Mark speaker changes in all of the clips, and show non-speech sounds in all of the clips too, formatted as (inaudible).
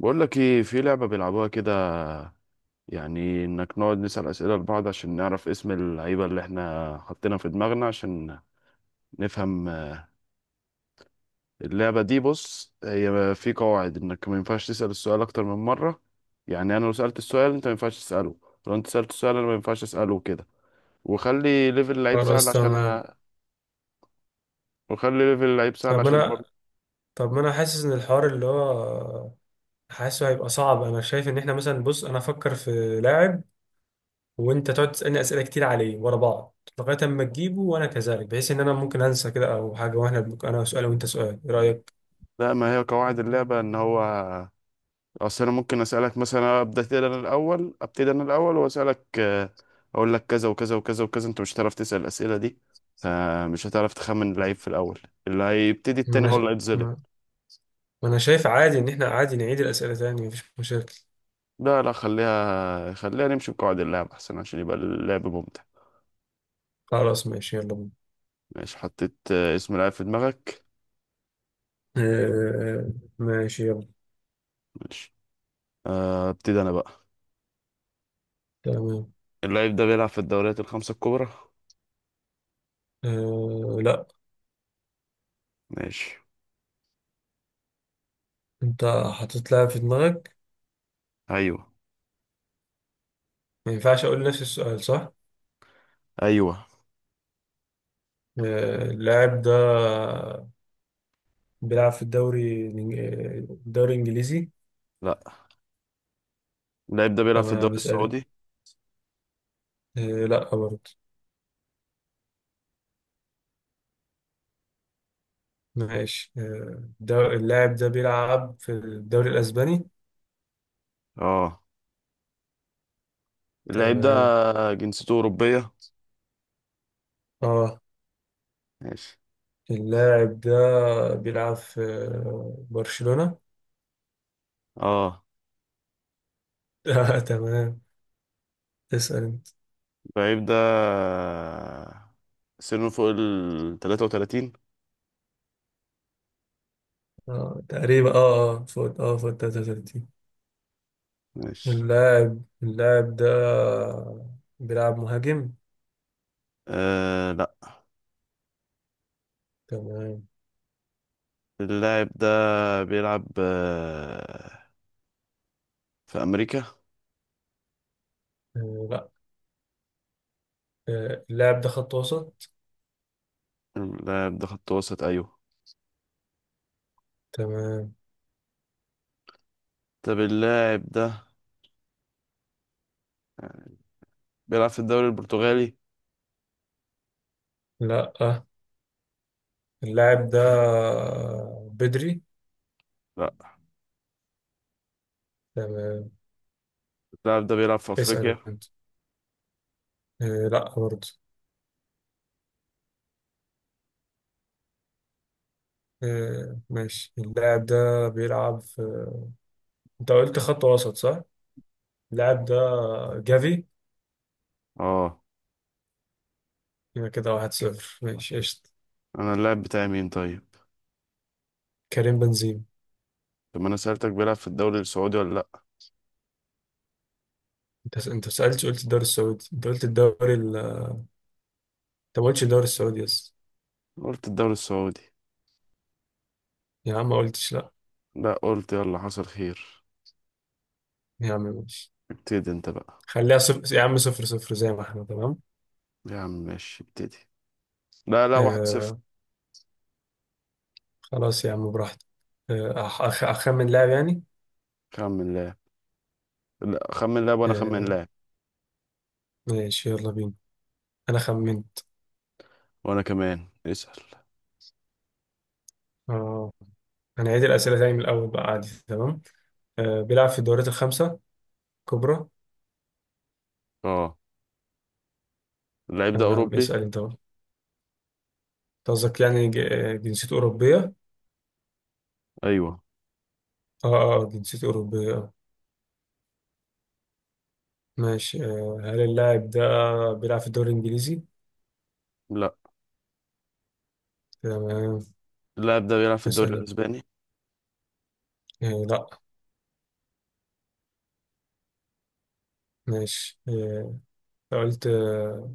Speaker 1: بقول لك ايه، في لعبة بيلعبوها كده. يعني انك نقعد نسأل أسئلة لبعض عشان نعرف اسم اللعيبة اللي احنا حطينا في دماغنا عشان نفهم. اللعبة دي بص، هي في قواعد انك ما ينفعش تسأل السؤال اكتر من مرة. يعني انا لو سألت السؤال انت ما ينفعش تسأله. لو انت سألت السؤال انا ما ينفعش اسأله كده. وخلي ليفل اللعيب سهل
Speaker 2: خلاص،
Speaker 1: عشان
Speaker 2: تمام.
Speaker 1: أ- وخلي ليفل اللعيب سهل
Speaker 2: طب
Speaker 1: عشان
Speaker 2: انا
Speaker 1: برضه.
Speaker 2: طب ما انا حاسس ان الحوار اللي هو حاسه هيبقى صعب. انا شايف ان احنا مثلا، بص، انا افكر في لاعب وانت تقعد تسالني اسئله كتير عليه ورا بعض لغايه اما تجيبه، وانا كذلك، بحيث ان انا ممكن انسى كده او حاجه، انا سؤال وانت سؤال، ايه رايك؟
Speaker 1: لا، ما هي قواعد اللعبة ان هو اصل انا ممكن اسالك مثلا، ابدا انا الاول ابتدي انا الاول واسالك. اقول لك كذا وكذا وكذا وكذا، انت مش هتعرف تسال الاسئله دي. فمش هتعرف تخمن اللعيب في الاول. اللي هيبتدي
Speaker 2: ما
Speaker 1: التاني
Speaker 2: انا
Speaker 1: هو
Speaker 2: ش...
Speaker 1: اللي هيتظلم.
Speaker 2: ما... ما انا شايف عادي ان احنا عادي نعيد الاسئله تاني، مفيش مشاكل.
Speaker 1: لا لا، خليها. خليها نمشي بقواعد اللعب احسن، عشان يبقى اللعب ممتع.
Speaker 2: خلاص ماشي، يلا بينا.
Speaker 1: ماشي. حطيت اسم لعيب في دماغك.
Speaker 2: آه... ماشي يلا.
Speaker 1: ماشي. ابتدي انا بقى.
Speaker 2: تمام.
Speaker 1: اللعيب ده بيلعب في الدوريات الخمسه الكبرى.
Speaker 2: لا.
Speaker 1: ماشي.
Speaker 2: انت حطيت لاعب في دماغك،
Speaker 1: ايوه،
Speaker 2: ما ينفعش اقول نفس السؤال صح؟
Speaker 1: ايوه.
Speaker 2: اللاعب ده بيلعب في الدوري الإنجليزي؟
Speaker 1: لا، اللعيب ده بيلعب في
Speaker 2: أما
Speaker 1: الدوري
Speaker 2: مش قادر.
Speaker 1: السعودي.
Speaker 2: لا برضه. ماشي. اللاعب ده بيلعب في الدوري الأسباني؟
Speaker 1: اه. اللعيب ده
Speaker 2: تمام.
Speaker 1: جنسيته اوروبيه.
Speaker 2: اه.
Speaker 1: ماشي.
Speaker 2: اللاعب ده بيلعب في برشلونة؟
Speaker 1: اه.
Speaker 2: (laughs) تمام. اسأل انت.
Speaker 1: بعيب ده سنه فوق ال 33.
Speaker 2: اه، تقريبا، فوت 33.
Speaker 1: ماشي.
Speaker 2: اللاعب ده بيلعب مهاجم؟
Speaker 1: آه لا.
Speaker 2: تمام.
Speaker 1: اللاعب ده بيلعب في أمريكا.
Speaker 2: لا. اللاعب ده خط وسط.
Speaker 1: اللاعب ده خط وسط، أيوه.
Speaker 2: تمام.
Speaker 1: طب اللاعب ده بيلعب في الدوري البرتغالي؟
Speaker 2: لا، اللاعب ده بدري.
Speaker 1: لا.
Speaker 2: تمام.
Speaker 1: اللاعب ده بيلعب في أفريقيا.
Speaker 2: اسأل انت. آه، لا برضه. ماشي. اللاعب ده بيلعب في انت قلت خط وسط صح؟ اللاعب ده جافي.
Speaker 1: اه.
Speaker 2: يبقى كده واحد صفر، ماشي قشطة.
Speaker 1: أنا اللاعب بتاعي مين طيب؟
Speaker 2: كريم بنزيما.
Speaker 1: طب ما أنا سألتك بيلعب في الدوري السعودي ولا لأ.
Speaker 2: انت سألتش، قلت الدوري السعودي؟ انت قلت الدوري انت، ما قلتش الدوري السعودي يس.
Speaker 1: قلت الدوري السعودي.
Speaker 2: يا عم ما قلتش، لا.
Speaker 1: لا، قلت يلا حصل خير.
Speaker 2: يا عم ماشي،
Speaker 1: ابتدي انت بقى.
Speaker 2: خليها صفر يا عم، صفر صفر زي ما احنا، تمام.
Speaker 1: يا عم ماشي، ابتدي. لا لا، 1-0.
Speaker 2: آه، خلاص يا عم، براحتك. أخمن لاعب يعني.
Speaker 1: خمن لاعب. لا، خمن لاعب وانا خمن
Speaker 2: آه،
Speaker 1: لاعب.
Speaker 2: ماشي يلا بينا. أنا خمنت.
Speaker 1: وانا كمان اسأل.
Speaker 2: آه هنعيد الأسئلة تاني من الأول بقى، عادي. تمام. بيلعب في الدوريات الخمسة الكبرى.
Speaker 1: اه. اللاعب ده
Speaker 2: تمام،
Speaker 1: اوروبي؟
Speaker 2: اسأل أنت بقى. أنت قصدك يعني جنسيته أوروبية؟
Speaker 1: ايوه.
Speaker 2: آه جنسيته أوروبية، ماشي. هل اللاعب ده بيلعب في الدوري الإنجليزي؟
Speaker 1: لا،
Speaker 2: تمام،
Speaker 1: اللاعب ده بيلعب في الدوري
Speaker 2: اسأل.
Speaker 1: الاسباني.
Speaker 2: لا. ماشي. آه أنت قلت آه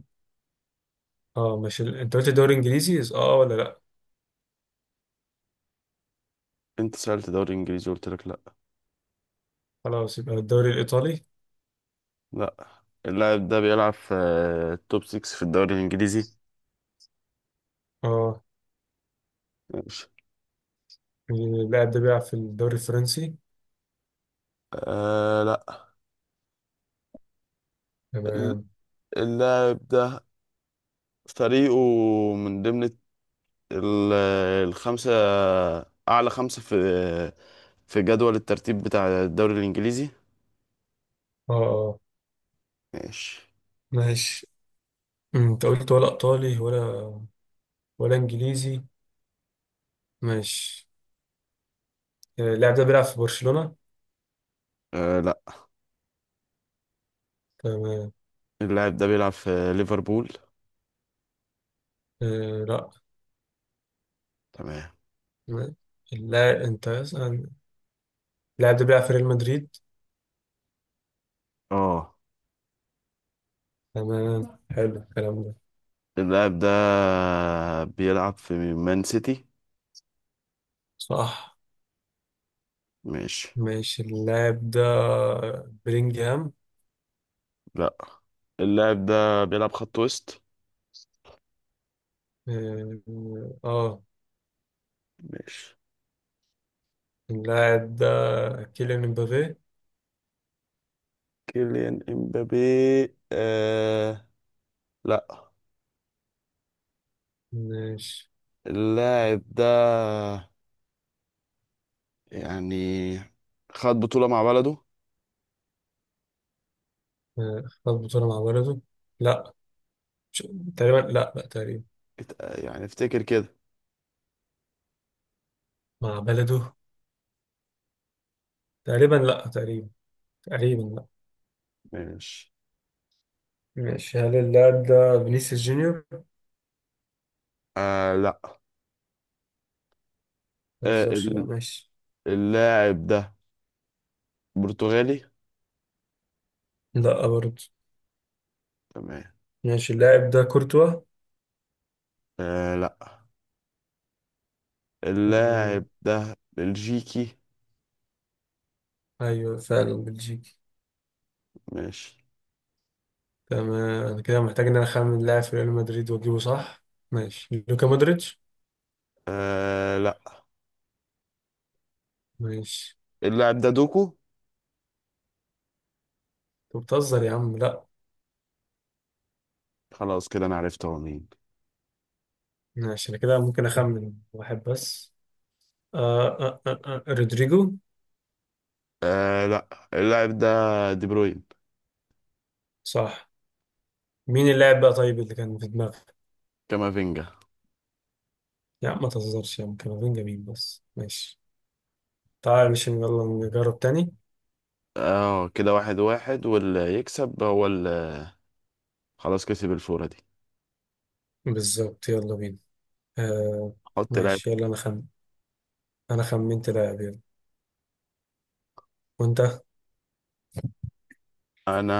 Speaker 2: آه، ماشي، أنت قلت الدوري الإنجليزي آه ولا لا؟
Speaker 1: انت سألت دوري انجليزي قلت لك لا.
Speaker 2: خلاص، يبقى الدوري الإيطالي.
Speaker 1: لا، اللاعب ده بيلعب في التوب 6 في الدوري الانجليزي.
Speaker 2: اه،
Speaker 1: ماشي.
Speaker 2: اللاعب ده بيلعب في الدوري الفرنسي؟
Speaker 1: آه لا. ال-
Speaker 2: تمام.
Speaker 1: اللاعب ده فريقه من ضمن الت- ال- الخمسة اعلى خمسة في جدول الترتيب بتاع الدوري الانجليزي.
Speaker 2: اه، اه،
Speaker 1: ماشي.
Speaker 2: ماشي. انت قلت ولا ايطالي ولا انجليزي. ماشي. اللاعب ده بيلعب في برشلونة؟
Speaker 1: آه لا.
Speaker 2: تمام.
Speaker 1: اللاعب ده بيلعب في ليفربول؟
Speaker 2: لا.
Speaker 1: تمام.
Speaker 2: م- اللاعب انت اسأل. اللاعب ده بيلعب في ريال مدريد.
Speaker 1: اه.
Speaker 2: تمام، حلو الكلام ده.
Speaker 1: اللاعب ده بيلعب في مان سيتي.
Speaker 2: صح.
Speaker 1: ماشي.
Speaker 2: ماشي، اللاعب ده بلينجهام.
Speaker 1: لا، اللاعب ده بيلعب خط وسط.
Speaker 2: اه. آه.
Speaker 1: ماشي.
Speaker 2: اللاعب ده كيليان امبابي.
Speaker 1: كيليان امبابي؟ آه لا.
Speaker 2: ماشي.
Speaker 1: اللاعب ده يعني خد بطولة مع بلده.
Speaker 2: خد بطولة مع بلده؟ لا. مش- تقريبا لا، لا تقريبا.
Speaker 1: يعني افتكر كده.
Speaker 2: مع بلده، تقريبا لا، تقريبا. تقريبا، لا.
Speaker 1: ماشي.
Speaker 2: ماشي، هل اللاعب ده فينيسيوس جونيور؟
Speaker 1: آه لا.
Speaker 2: ما
Speaker 1: آه
Speaker 2: تهزرش بقى،
Speaker 1: ال-
Speaker 2: ماشي.
Speaker 1: اللاعب ده برتغالي.
Speaker 2: لا برضه.
Speaker 1: تمام.
Speaker 2: ماشي، اللاعب ده كورتوا.
Speaker 1: آه لا. اللاعب
Speaker 2: تمام.
Speaker 1: ده بلجيكي.
Speaker 2: ايوه فعلا بلجيكي.
Speaker 1: ماشي.
Speaker 2: تمام. انا كده محتاج ان انا اخمن لاعب في ريال مدريد واجيبه صح. ماشي، لوكا مودريتش.
Speaker 1: آه لا.
Speaker 2: ماشي.
Speaker 1: اللاعب ده دوكو.
Speaker 2: انت بتهزر يا عم، لا.
Speaker 1: خلاص كده، انا عرفت هو مين.
Speaker 2: ماشي. انا كده ممكن اخمن واحد بس. رودريجو.
Speaker 1: آه لا. اللاعب ده دي بروين.
Speaker 2: صح. مين اللاعب بقى طيب اللي كان في دماغك؟
Speaker 1: كامافينجا.
Speaker 2: لا، ما تهزرش يا عم، كامافينجا مين بس؟ ماشي. تعال، مش، يلا نجرب تاني.
Speaker 1: اه، كده 1-1، واللي يكسب هو اللي خلاص كسب الفورة دي.
Speaker 2: بالظبط، يلا بينا. آه
Speaker 1: حط لاعب.
Speaker 2: ماشي يلا. انا خمنت لاعب، يلا. وانت؟
Speaker 1: انا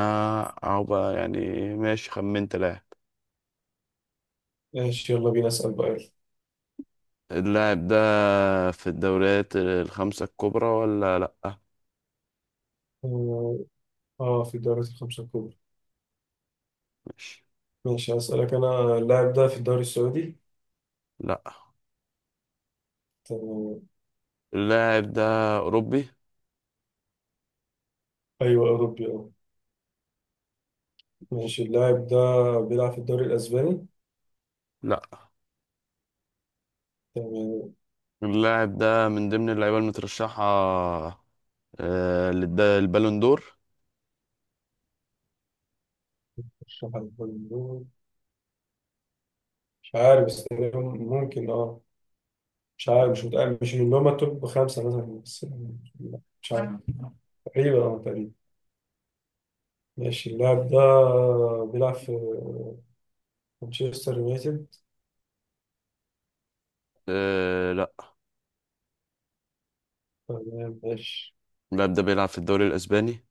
Speaker 1: اهو بقى يعني. ماشي، خمنت لاعب.
Speaker 2: ماشي يلا بينا، اسال بقى يلا.
Speaker 1: اللاعب ده في الدوريات الخمسة الكبرى ولا لا؟
Speaker 2: اه. في الدوري الخمسة الكبرى.
Speaker 1: ماشي.
Speaker 2: ماشي، اسالك انا، اللاعب ده في الدوري السعودي؟
Speaker 1: لا،
Speaker 2: تمام.
Speaker 1: اللاعب ده اوروبي.
Speaker 2: ايوه اوروبي، اه.
Speaker 1: ماشي.
Speaker 2: ماشي، اللاعب ده بيلعب في الدوري الاسباني؟
Speaker 1: لا،
Speaker 2: تمام.
Speaker 1: اللاعب ده من ضمن اللعيبة المترشحة البالون دور.
Speaker 2: مش عارف. مش عارف، بس تقريباً ممكن، اه. مش عارف، مش متأكد، مش من اللي هما التوب خمسة مثلا، بس مش عارف. تقريبا، اه، تقريبا. ماشي، اللاعب ده بيلعب في مانشستر يونايتد؟
Speaker 1: آه، لأ.
Speaker 2: تمام، ماشي.
Speaker 1: اللاعب ده بيلعب في الدوري الأسباني.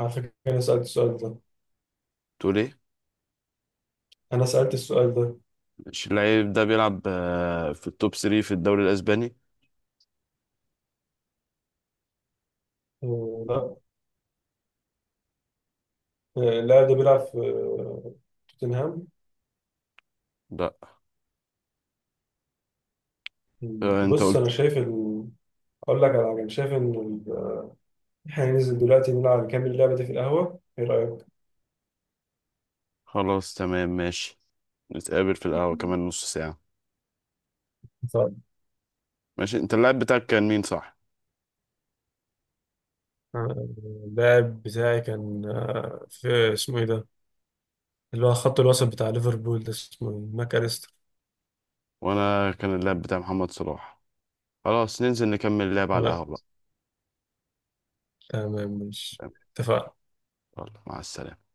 Speaker 2: على فكرة أنا سألت السؤال ده.
Speaker 1: تقول إيه؟
Speaker 2: أنا سألت السؤال ده.
Speaker 1: مش اللاعب ده بيلعب في التوب 3 في الدوري الأسباني؟
Speaker 2: لا. اللاعب ده بيلعب في توتنهام؟
Speaker 1: لا. أنت
Speaker 2: بص
Speaker 1: قلت.
Speaker 2: أنا شايف ال... أقول لك على حاجة، أنا شايف إن إحنا ننزل دلوقتي نلعب، نكمل اللعبة دي في القهوة، إيه رأيك؟
Speaker 1: خلاص تمام ماشي. نتقابل في القهوة كمان نص ساعة.
Speaker 2: طيب.
Speaker 1: ماشي، أنت اللاعب بتاعك كان مين صح؟
Speaker 2: آه، اللاعب بتاعي كان، في اسمه ايه ده، اللي هو خط الوسط بتاع ليفربول ده، اسمه إيه؟ ماك أليستر.
Speaker 1: وأنا كان اللاعب بتاع محمد صلاح. خلاص ننزل نكمل اللعب على
Speaker 2: آه،
Speaker 1: القهوة بقى.
Speaker 2: تمام ماشي.
Speaker 1: تمام.
Speaker 2: اتفقنا.
Speaker 1: يلا، مع السلامة.